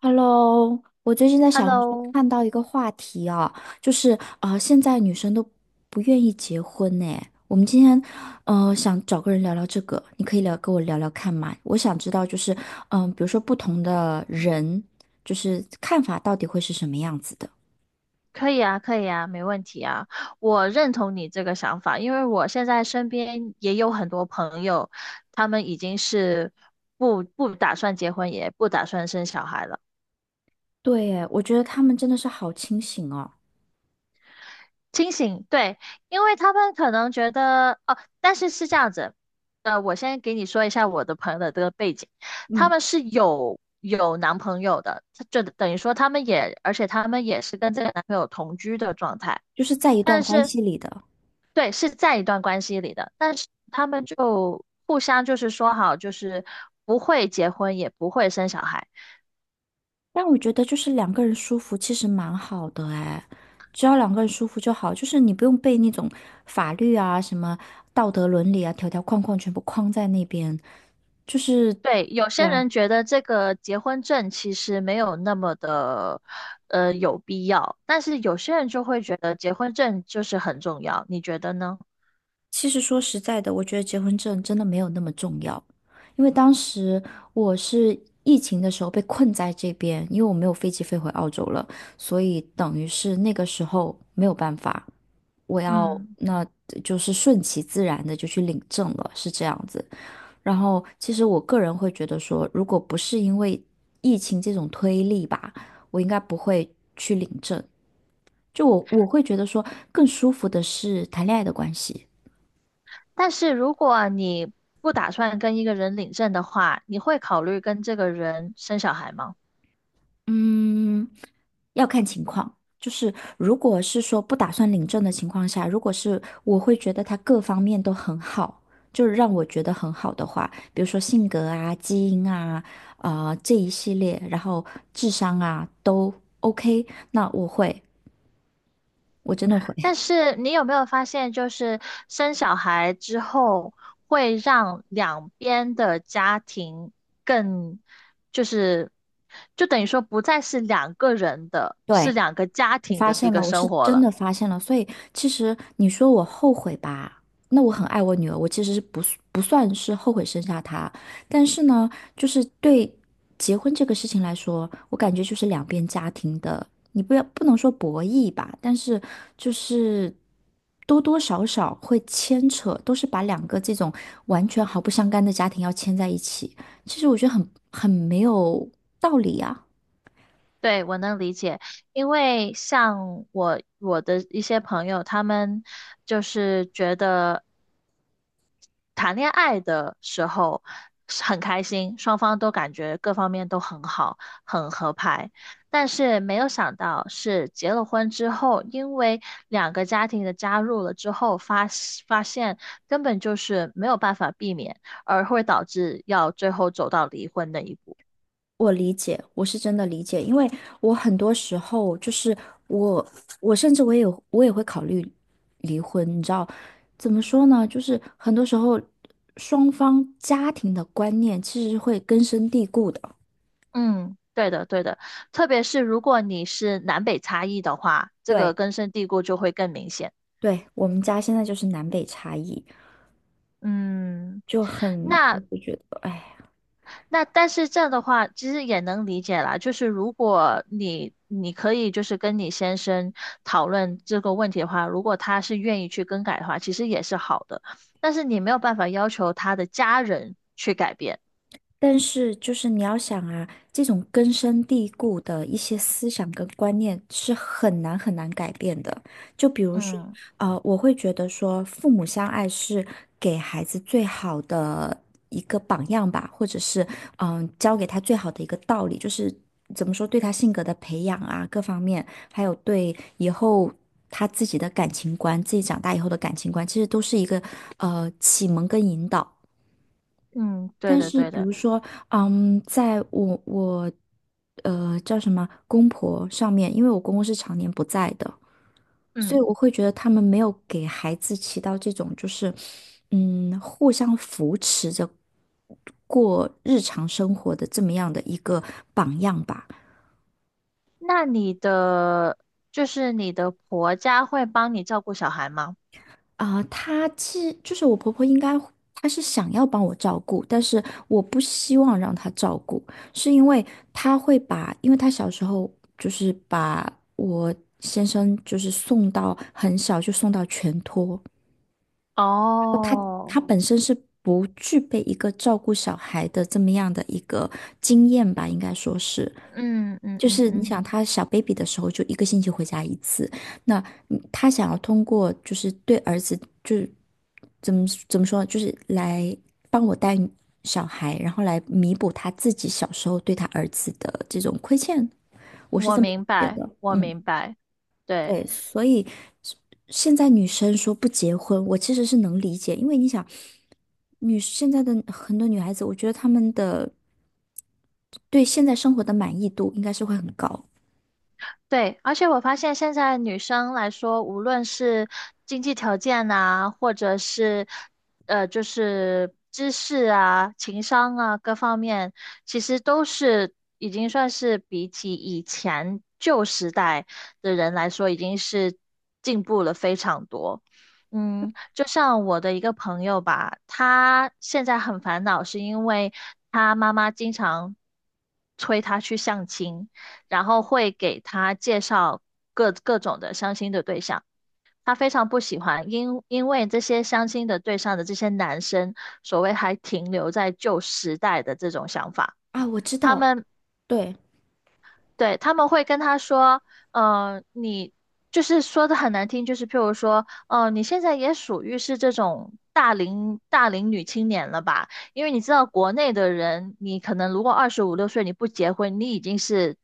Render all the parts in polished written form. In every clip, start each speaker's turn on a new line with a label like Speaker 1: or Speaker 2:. Speaker 1: Hello，我最近在小红书
Speaker 2: Hello，
Speaker 1: 看到一个话题啊，就是啊，现在女生都不愿意结婚呢。我们今天想找个人聊聊这个，你可以跟我聊聊看嘛？我想知道就是比如说不同的人，就是看法到底会是什么样子的？
Speaker 2: 可以啊，可以啊，没问题啊。我认同你这个想法，因为我现在身边也有很多朋友，他们已经是不打算结婚，也不打算生小孩了。
Speaker 1: 对耶，我觉得他们真的是好清醒哦。
Speaker 2: 清醒，对，因为他们可能觉得哦，但是是这样子，我先给你说一下我的朋友的这个背景，他
Speaker 1: 嗯，
Speaker 2: 们是有男朋友的，就等于说他们也，而且他们也是跟这个男朋友同居的状态。
Speaker 1: 就是在一段
Speaker 2: 但
Speaker 1: 关
Speaker 2: 是
Speaker 1: 系里的。
Speaker 2: 对，是在一段关系里的，但是他们就互相就是说好，就是不会结婚，也不会生小孩。
Speaker 1: 但我觉得就是两个人舒服，其实蛮好的哎，只要两个人舒服就好，就是你不用被那种法律啊、什么道德伦理啊、条条框框全部框在那边。就是。
Speaker 2: 对，有
Speaker 1: 对
Speaker 2: 些
Speaker 1: 啊，
Speaker 2: 人觉得这个结婚证其实没有那么的，有必要，但是有些人就会觉得结婚证就是很重要，你觉得呢？
Speaker 1: 其实说实在的，我觉得结婚证真的没有那么重要。因为当时我是疫情的时候被困在这边，因为我没有飞机飞回澳洲了，所以等于是那个时候没有办法，我要
Speaker 2: 嗯，
Speaker 1: 那就是顺其自然的就去领证了，是这样子。然后，其实我个人会觉得说，如果不是因为疫情这种推力吧，我应该不会去领证。就我会觉得说，更舒服的是谈恋爱的关系。
Speaker 2: 但是如果你不打算跟一个人领证的话，你会考虑跟这个人生小孩吗？
Speaker 1: 嗯，要看情况。就是如果是说不打算领证的情况下，如果是我会觉得他各方面都很好，就是让我觉得很好的话，比如说性格啊、基因啊、这一系列，然后智商啊都 OK，那我会，我真的会。
Speaker 2: 但是你有没有发现，就是生小孩之后，会让两边的家庭更，就是，就等于说不再是两个人的，是
Speaker 1: 对，
Speaker 2: 两个家
Speaker 1: 我
Speaker 2: 庭
Speaker 1: 发
Speaker 2: 的一
Speaker 1: 现
Speaker 2: 个
Speaker 1: 了，我
Speaker 2: 生
Speaker 1: 是
Speaker 2: 活
Speaker 1: 真
Speaker 2: 了。
Speaker 1: 的发现了。所以其实你说我后悔吧，那我很爱我女儿，我其实不是不算是后悔生下她，但是呢，就是对结婚这个事情来说，我感觉就是两边家庭的，你不要不能说博弈吧，但是就是多多少少会牵扯，都是把两个这种完全毫不相干的家庭要牵在一起，其实我觉得很没有道理啊。
Speaker 2: 对，我能理解，因为像我的一些朋友，他们就是觉得。谈恋爱的时候是很开心，双方都感觉各方面都很好，很合拍。但是没有想到是结了婚之后，因为两个家庭的加入了之后，发现根本就是没有办法避免，而会导致要最后走到离婚那一步。
Speaker 1: 我理解，我是真的理解，因为我很多时候就是我，我甚至我也会考虑离婚。你知道，怎么说呢？就是很多时候双方家庭的观念其实是会根深蒂固的。
Speaker 2: 嗯，对的，对的。特别是如果你是南北差异的话，这个
Speaker 1: 对，
Speaker 2: 根深蒂固就会更明显。
Speaker 1: 对，我们家现在就是南北差异，
Speaker 2: 嗯。
Speaker 1: 就很，
Speaker 2: 那。
Speaker 1: 我就觉得，哎。
Speaker 2: 那但是这样的话，其实也能理解啦。就是如果你可以就是跟你先生讨论这个问题的话，如果他是愿意去更改的话，其实也是好的。但是你没有办法要求他的家人去改变。
Speaker 1: 但是，就是你要想啊，这种根深蒂固的一些思想跟观念是很难很难改变的。就比如说，
Speaker 2: 嗯
Speaker 1: 我会觉得说，父母相爱是给孩子最好的一个榜样吧，或者是教给他最好的一个道理，就是怎么说对他性格的培养啊，各方面，还有对以后他自己的感情观，自己长大以后的感情观，其实都是一个启蒙跟引导。
Speaker 2: 嗯，对
Speaker 1: 但
Speaker 2: 的
Speaker 1: 是
Speaker 2: 对
Speaker 1: 比
Speaker 2: 的。
Speaker 1: 如说，在我叫什么公婆上面，因为我公公是常年不在的，所以
Speaker 2: 嗯，
Speaker 1: 我会觉得他们没有给孩子起到这种就是互相扶持着过日常生活的这么样的一个榜样吧。
Speaker 2: 那你的就是你的婆家会帮你照顾小孩吗？
Speaker 1: 啊、她其实就是我婆婆，应该她是想要帮我照顾，但是我不希望让她照顾，是因为她会把，因为她小时候就是把我先生就是送到很小就送到全托。他
Speaker 2: 哦，
Speaker 1: 他本身是不具备一个照顾小孩的这么样的一个经验吧，应该说是。
Speaker 2: 嗯嗯
Speaker 1: 就
Speaker 2: 嗯
Speaker 1: 是你
Speaker 2: 嗯，
Speaker 1: 想他小 baby 的时候，就一个星期回家一次。那他想要通过就是对儿子，就是怎么说呢就是来帮我带小孩，然后来弥补他自己小时候对他儿子的这种亏欠。我是
Speaker 2: 我
Speaker 1: 这么
Speaker 2: 明
Speaker 1: 觉
Speaker 2: 白，
Speaker 1: 得。
Speaker 2: 我
Speaker 1: 嗯。
Speaker 2: 明白。对，
Speaker 1: 对，所以现在女生说不结婚，我其实是能理解，因为你想，现在的很多女孩子，我觉得她们的对现在生活的满意度应该是会很高
Speaker 2: 对，而且我发现现在女生来说，无论是经济条件啊，或者是就是知识啊、情商啊各方面，其实都是已经算是比起以前旧时代的人来说，已经是进步了非常多。嗯，就像我的一个朋友吧，他现在很烦恼，是因为他妈妈经常催他去相亲。然后会给他介绍各种的相亲的对象。他非常不喜欢，因为这些相亲的对象的这些男生，所谓还停留在旧时代的这种想法，
Speaker 1: 啊。我知
Speaker 2: 他
Speaker 1: 道，
Speaker 2: 们
Speaker 1: 对，
Speaker 2: 对，他们会跟他说，你就是说的很难听，就是譬如说，你现在也属于是这种大龄女青年了吧？因为你知道国内的人，你可能如果二十五六岁你不结婚，你已经是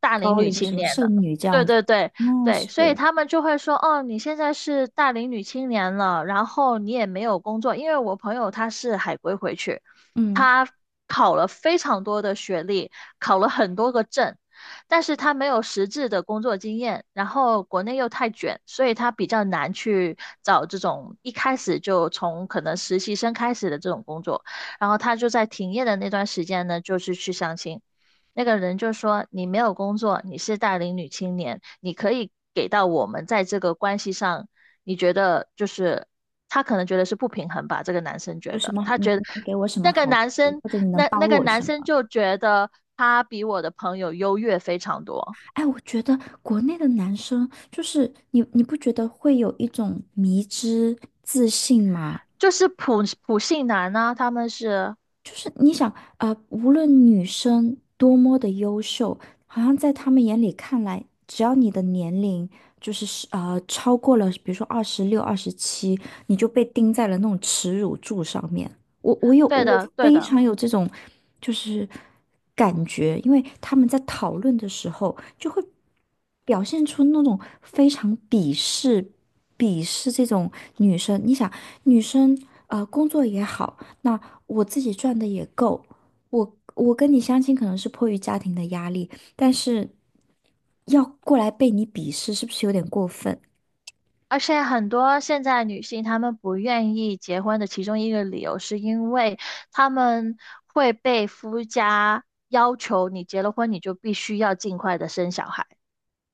Speaker 2: 大龄
Speaker 1: 高
Speaker 2: 女
Speaker 1: 龄什
Speaker 2: 青
Speaker 1: 么
Speaker 2: 年了。
Speaker 1: 剩女这
Speaker 2: 对
Speaker 1: 样子，
Speaker 2: 对对
Speaker 1: 那
Speaker 2: 对，所以
Speaker 1: 是，
Speaker 2: 他们就会说，哦，你现在是大龄女青年了，然后你也没有工作，因为我朋友他是海归回去。
Speaker 1: 嗯，
Speaker 2: 他考了非常多的学历，考了很多个证，但是他没有实质的工作经验，然后国内又太卷，所以他比较难去找这种一开始就从可能实习生开始的这种工作。然后他就在停业的那段时间呢，就是去相亲。那个人就说：“你没有工作，你是大龄女青年，你可以给到我们在这个关系上，你觉得就是他可能觉得是不平衡吧？这个男生
Speaker 1: 有
Speaker 2: 觉
Speaker 1: 什
Speaker 2: 得，
Speaker 1: 么好
Speaker 2: 他
Speaker 1: 你
Speaker 2: 觉得。”
Speaker 1: 你能给我什么
Speaker 2: 那个
Speaker 1: 好处，
Speaker 2: 男生，
Speaker 1: 或者你能
Speaker 2: 那那
Speaker 1: 帮
Speaker 2: 个
Speaker 1: 我
Speaker 2: 男
Speaker 1: 什
Speaker 2: 生
Speaker 1: 么？
Speaker 2: 就觉得他比我的朋友优越非常多，
Speaker 1: 哎，我觉得国内的男生就是你不觉得会有一种迷之自信吗？
Speaker 2: 就是普信男呢，他们是
Speaker 1: 就是你想，无论女生多么的优秀，好像在他们眼里看来，只要你的年龄就是超过了，比如说26、27，你就被钉在了那种耻辱柱上面。
Speaker 2: 对
Speaker 1: 我
Speaker 2: 的，对
Speaker 1: 非
Speaker 2: 的。
Speaker 1: 常有这种就是感觉，因为他们在讨论的时候就会表现出那种非常鄙视这种女生。你想，女生工作也好。那我自己赚的也够。我跟你相亲可能是迫于家庭的压力，但是要过来被你鄙视，是不是有点过分？
Speaker 2: 而且很多现在女性她们不愿意结婚的其中一个理由，是因为她们会被夫家要求，你结了婚你就必须要尽快的生小孩。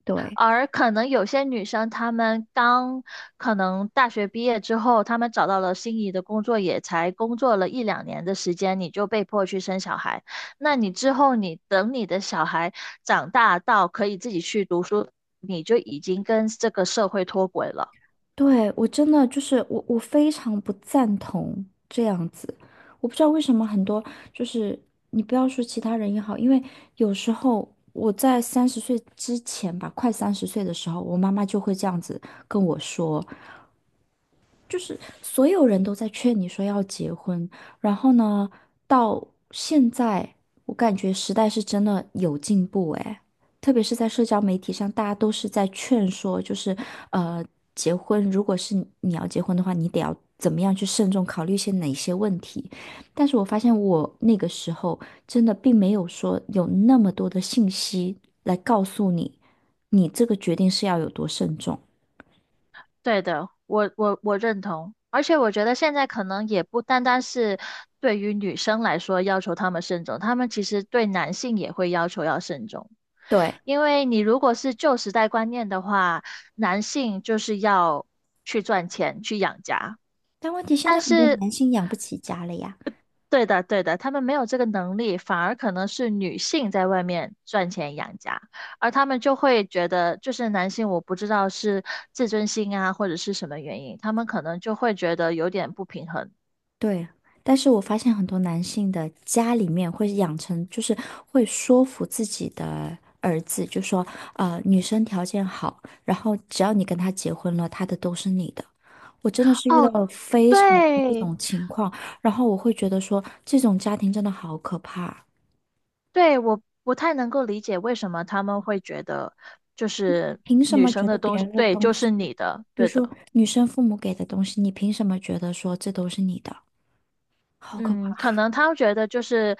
Speaker 1: 对，
Speaker 2: 而可能有些女生，她们刚可能大学毕业之后，她们找到了心仪的工作，也才工作了一两年的时间，你就被迫去生小孩。那你之后，你等你的小孩长大到可以自己去读书，你就已经跟这个社会脱轨了。
Speaker 1: 对，我真的就是我非常不赞同这样子。我不知道为什么很多就是你不要说其他人也好，因为有时候我在三十岁之前吧，快三十岁的时候，我妈妈就会这样子跟我说，就是所有人都在劝你说要结婚，然后呢，到现在我感觉时代是真的有进步诶，特别是在社交媒体上，大家都是在劝说，就是呃，结婚如果是你要结婚的话，你得要怎么样去慎重考虑一些哪些问题。但是我发现我那个时候真的并没有说有那么多的信息来告诉你，你这个决定是要有多慎重。
Speaker 2: 对的，我认同，而且我觉得现在可能也不单单是对于女生来说要求他们慎重，他们其实对男性也会要求要慎重，
Speaker 1: 对。
Speaker 2: 因为你如果是旧时代观念的话，男性就是要去赚钱去养家，
Speaker 1: 但问题现在
Speaker 2: 但
Speaker 1: 很多
Speaker 2: 是
Speaker 1: 男性养不起家了呀。
Speaker 2: 对的，对的，他们没有这个能力，反而可能是女性在外面赚钱养家，而他们就会觉得，就是男性，我不知道是自尊心啊，或者是什么原因，他们可能就会觉得有点不平衡。
Speaker 1: 对，但是我发现很多男性的家里面会养成，就是会说服自己的儿子，就说女生条件好，然后只要你跟她结婚了，她的都是你的。我真的是遇到
Speaker 2: 哦，
Speaker 1: 了非常多这
Speaker 2: 对，
Speaker 1: 种情况，然后我会觉得说，这种家庭真的好可怕，
Speaker 2: 对，我不太能够理解为什么他们会觉得，就是
Speaker 1: 凭什
Speaker 2: 女
Speaker 1: 么
Speaker 2: 生
Speaker 1: 觉得
Speaker 2: 的
Speaker 1: 别
Speaker 2: 东西，
Speaker 1: 人的
Speaker 2: 对，
Speaker 1: 东
Speaker 2: 就
Speaker 1: 西，
Speaker 2: 是你的，
Speaker 1: 比如
Speaker 2: 对
Speaker 1: 说
Speaker 2: 的。
Speaker 1: 女生父母给的东西，你凭什么觉得说这都是你的？好可。
Speaker 2: 嗯，可能他觉得就是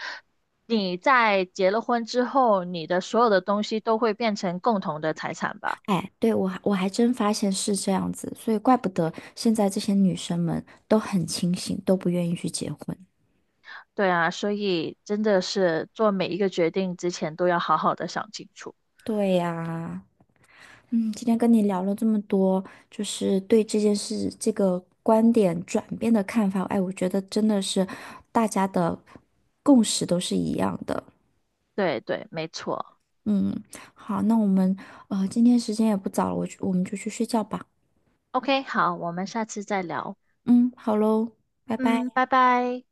Speaker 2: 你在结了婚之后，你的所有的东西都会变成共同的财产吧？
Speaker 1: 哎，对，我还真发现是这样子，所以怪不得现在这些女生们都很清醒，都不愿意去结婚。
Speaker 2: 对啊，所以真的是做每一个决定之前都要好好的想清楚。
Speaker 1: 对呀，今天跟你聊了这么多，就是对这件事这个观点转变的看法，哎，我觉得真的是大家的共识都是一样的。
Speaker 2: 对对，没错。
Speaker 1: 嗯，好，那我们今天时间也不早了，我们就去睡觉吧。
Speaker 2: OK，好，我们下次再聊。
Speaker 1: 嗯，好喽，拜拜。
Speaker 2: 嗯，拜拜。